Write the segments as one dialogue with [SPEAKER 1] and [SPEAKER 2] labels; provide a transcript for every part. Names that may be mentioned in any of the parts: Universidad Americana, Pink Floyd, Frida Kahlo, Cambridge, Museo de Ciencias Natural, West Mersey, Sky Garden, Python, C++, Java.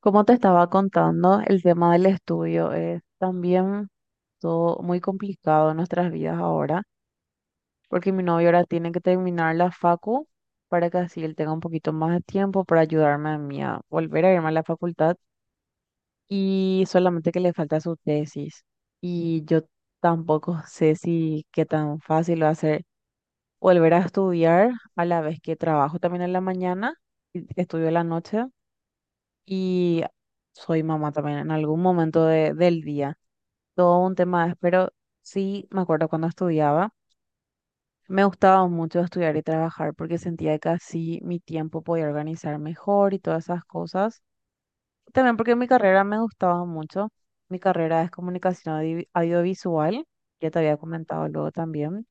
[SPEAKER 1] Como te estaba contando, el tema del estudio es también todo muy complicado en nuestras vidas ahora, porque mi novio ahora tiene que terminar la facu para que así él tenga un poquito más de tiempo para ayudarme a mí a volver a irme a la facultad y solamente que le falta su tesis. Y yo tampoco sé si qué tan fácil va a ser volver a estudiar a la vez que trabajo también en la mañana y estudio en la noche. Y soy mamá también en algún momento del día. Todo un tema es, pero sí me acuerdo cuando estudiaba, me gustaba mucho estudiar y trabajar porque sentía que así mi tiempo podía organizar mejor y todas esas cosas. También porque mi carrera me gustaba mucho. Mi carrera es comunicación audiovisual, ya te había comentado luego también.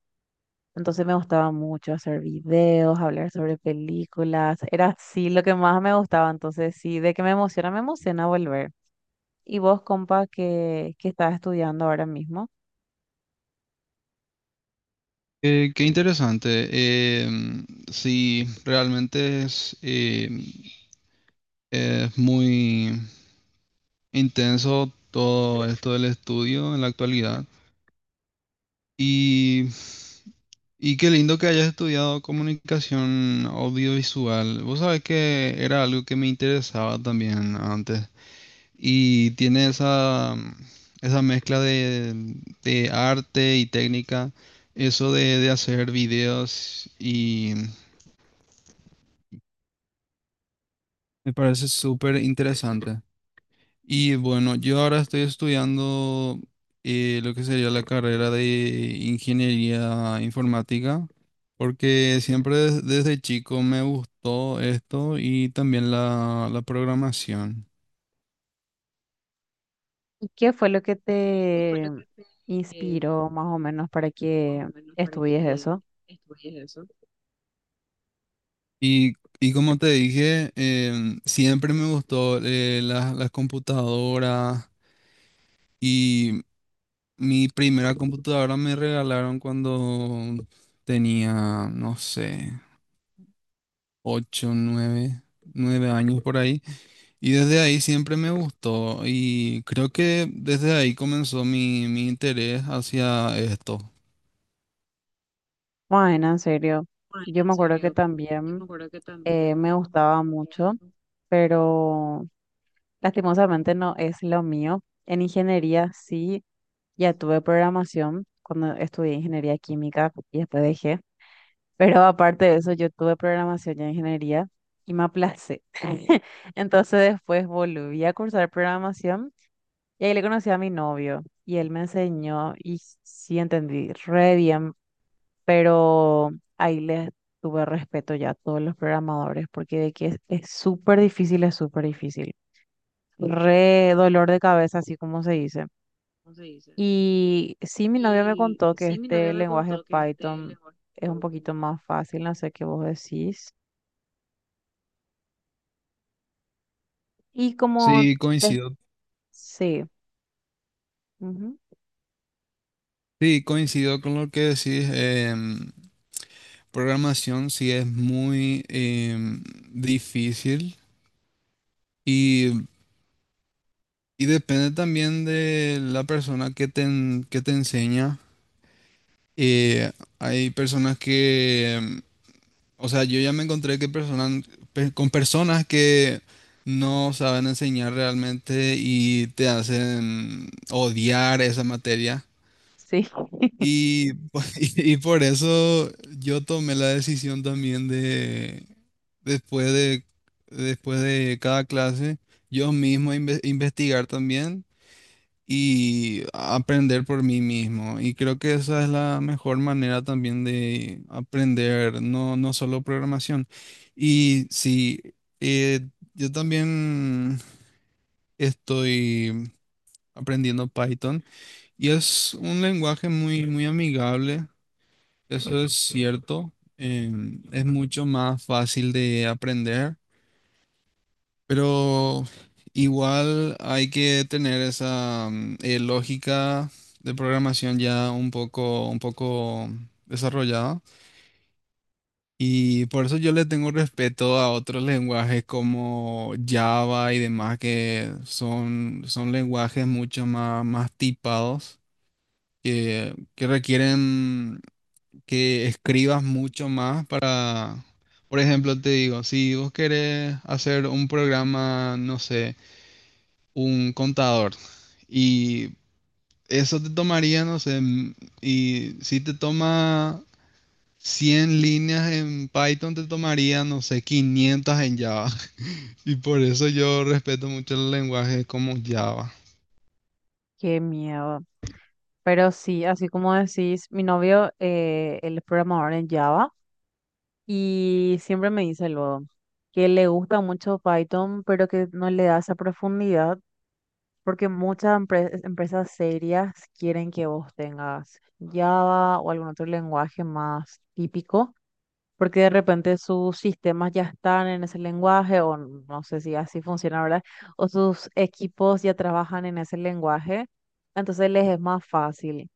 [SPEAKER 1] Entonces me gustaba mucho hacer videos, hablar sobre películas, era así lo que más me gustaba. Entonces sí, de que me emociona volver. Y vos, compa, que estás estudiando ahora mismo,
[SPEAKER 2] Qué interesante. Em, sí, realmente es es muy intenso todo esto del estudio en la actualidad. Y, y qué lindo que hayas estudiado comunicación audiovisual. Vos sabés que era algo que me interesaba también antes. Y tiene esa mezcla de arte y técnica, eso de hacer videos. Me parece súper interesante. Y bueno, yo ahora estoy estudiando lo que sería la carrera de ingeniería informática, porque siempre desde chico me gustó esto y también la programación.
[SPEAKER 1] ¿y qué fue lo que te inspiró más o menos para que estudies eso?
[SPEAKER 2] Y, y como te dije, siempre me gustó, las computadoras y mi primera computadora me regalaron cuando tenía, no sé, 8, 9 años por ahí. Y desde ahí siempre me gustó y creo que desde ahí comenzó mi interés hacia esto.
[SPEAKER 1] Bueno, en serio, yo me acuerdo que también me gustaba mucho, pero lastimosamente no es lo mío. En ingeniería sí, ya tuve programación cuando estudié ingeniería química y después dejé. Pero aparte de eso, yo tuve programación y ingeniería y me aplacé. Entonces después volví a cursar programación y ahí le conocí a mi novio y él me enseñó y sí entendí re bien, pero ahí le tuve respeto ya a todos los programadores porque de que es súper difícil, es súper difícil. Re dolor de cabeza, así como se dice. Y sí, mi novia me contó que este lenguaje Python es un poquito más fácil, no sé qué vos decís. Y como,
[SPEAKER 2] Sí,
[SPEAKER 1] te-
[SPEAKER 2] coincido.
[SPEAKER 1] sí, ujú,
[SPEAKER 2] Sí, coincido con lo que decís. Programación sí es muy, difícil, y, y depende también de la persona que que te enseña. Eh, Hay personas que, o sea, yo ya me encontré que con personas que no saben enseñar realmente y te hacen odiar esa materia.
[SPEAKER 1] sí,
[SPEAKER 2] Y, po- y por eso yo tomé la decisión también después después de cada clase, yo mismo investigar también y aprender por mí mismo. Y creo que esa es la mejor manera también de aprender, no, no solo programación. Y sí, eh, yo también estoy aprendiendo Python, y es un lenguaje muy, muy amigable, eso es cierto. Es mucho más fácil de aprender. Pero igual hay que tener esa lógica de programación ya un poco desarrollada. Y por eso yo le tengo respeto a otros lenguajes como Java y demás, que son, son lenguajes mucho más, más tipados, que requieren que escribas mucho más para, por ejemplo, te digo, si vos querés hacer un programa, no sé, un contador. Y eso te tomaría, no sé, y si te toma 100 líneas en Python, te tomaría, no sé, 500 en Java. Y por eso yo respeto mucho el lenguaje como Java.
[SPEAKER 1] qué miedo. Pero sí, así como decís, mi novio, él es programador en Java y siempre me dice luego que le gusta mucho Python, pero que no le da esa profundidad porque muchas empresas serias quieren que vos tengas Java o algún otro lenguaje más típico porque de repente sus sistemas ya están en ese lenguaje, o no sé si así funciona, ¿verdad? O sus equipos ya trabajan en ese lenguaje, entonces les es más fácil.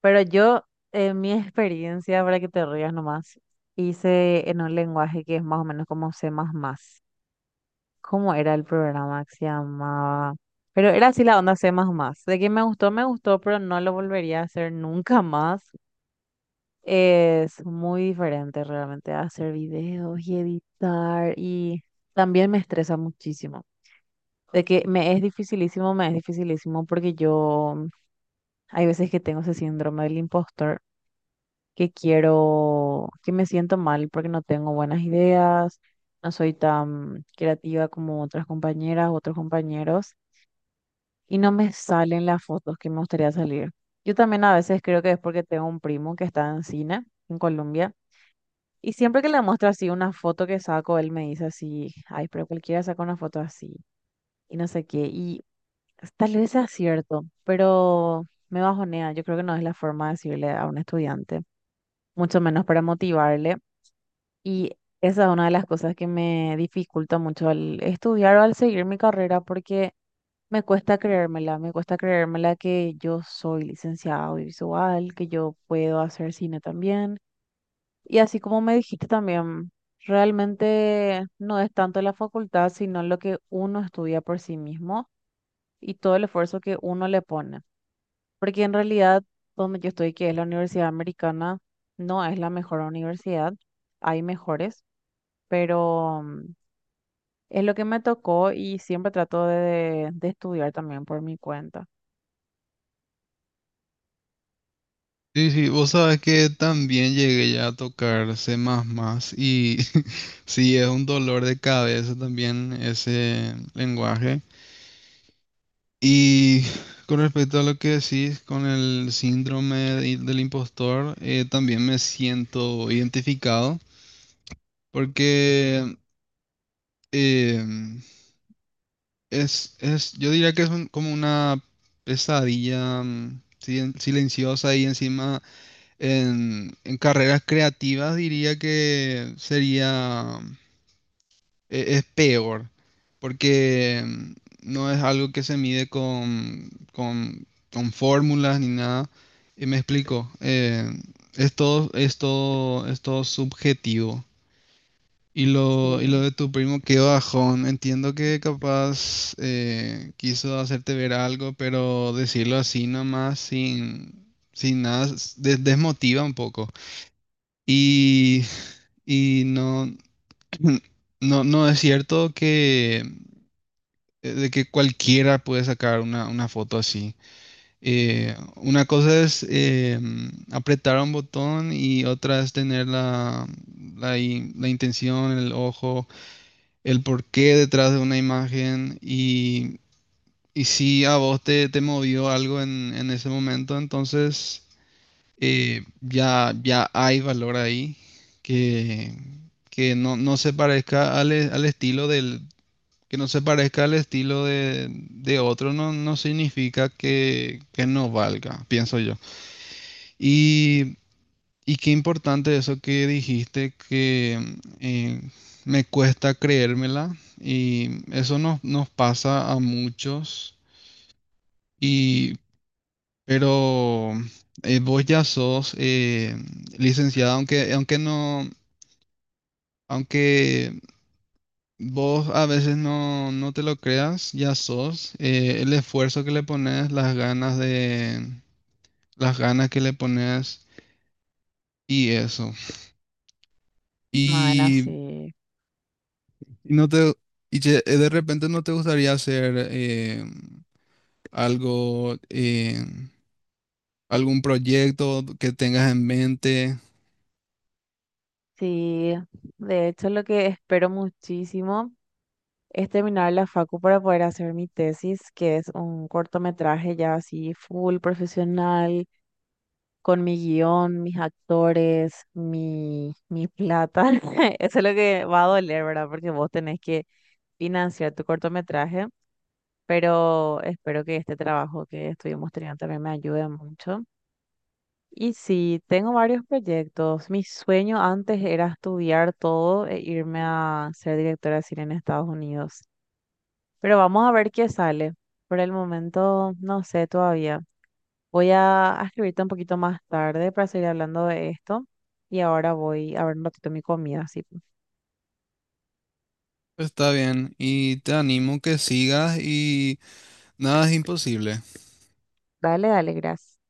[SPEAKER 1] Pero yo, en mi experiencia, para que te rías nomás, hice en un lenguaje que es más o menos como C++. ¿Cómo era el programa que se llamaba? Pero era así la onda C++. De que me gustó, pero no lo volvería a hacer nunca más, es muy diferente realmente a hacer videos y editar y también me estresa muchísimo. De que me es dificilísimo porque yo hay veces que tengo ese síndrome del impostor, que quiero, que me siento mal porque no tengo buenas ideas, no soy tan creativa como otras compañeras, otros compañeros y no me salen las fotos que me gustaría salir. Yo también a veces creo que es porque tengo un primo que está en cine en Colombia. Y siempre que le muestro así una foto que saco, él me dice así, ay, pero cualquiera saca una foto así y no sé qué. Y tal vez sea cierto, pero me bajonea. Yo creo que no es la forma de decirle a un estudiante, mucho menos para motivarle. Y esa es una de las cosas que me dificulta mucho al estudiar o al seguir mi carrera porque me cuesta creérmela que yo soy licenciada audiovisual, que yo puedo hacer cine también y así como me dijiste también, realmente no es tanto la facultad, sino lo que uno estudia por sí mismo y todo el esfuerzo que uno le pone. Porque en realidad, donde yo estoy, que es la Universidad Americana, no es la mejor universidad, hay mejores, pero es lo que me tocó y siempre trato de estudiar también por mi cuenta.
[SPEAKER 2] Sí, sí, vos sabes que también llegué ya a tocar C++, y sí, es un dolor de cabeza también ese lenguaje. Y con respecto a lo que decís con el síndrome del impostor, también me siento identificado porque, eh, yo diría que es como una pesadilla silenciosa y encima en carreras creativas diría que sería es peor, porque, no es algo que se mide con, con fórmulas ni nada. Y me explico, es todo, es todo subjetivo. Y lo
[SPEAKER 1] Sí,
[SPEAKER 2] de tu primo, qué bajón. Entiendo que capaz, quiso hacerte ver algo, pero decirlo así nomás, sin, sin nada, desmotiva un poco. Y, y no, no, no es cierto que, de que cualquiera puede sacar una foto así. Una cosa es, apretar un botón y otra es tener la intención, el ojo, el porqué detrás de una imagen y si a vos te movió algo en ese momento, entonces, ya hay valor ahí que, que no, no se parezca al estilo que no se parezca al estilo de otro, no, no significa que no valga, pienso yo. Y, y qué importante eso que dijiste, que, eh, me cuesta creérmela, y eso nos, nos pasa a muchos, y, pero, vos ya sos, licenciada, aunque, aunque no... Aunque vos a veces no, no te lo creas, ya sos. El esfuerzo que le pones, las ganas las ganas que le pones y eso.
[SPEAKER 1] bueno,
[SPEAKER 2] Y,
[SPEAKER 1] sí.
[SPEAKER 2] y no te, y che, de repente no te gustaría hacer, algo, eh, algún proyecto que tengas en mente.
[SPEAKER 1] Sí, de hecho lo que espero muchísimo es terminar la facu para poder hacer mi tesis, que es un cortometraje ya así full profesional, con mi guión, mis actores, mi plata. Eso es lo que va a doler, ¿verdad? Porque vos tenés que financiar tu cortometraje, pero espero que este trabajo que estuvimos teniendo también me ayude mucho. Y sí, tengo varios proyectos. Mi sueño antes era estudiar todo e irme a ser directora de cine en Estados Unidos. Pero vamos a ver qué sale. Por el momento, no sé todavía. Voy a escribirte un poquito más tarde para seguir hablando de esto. Y ahora voy a ver un ratito mi comida. Así.
[SPEAKER 2] Está bien. Y te animo que sigas, y nada es imposible.
[SPEAKER 1] Dale, dale, gracias.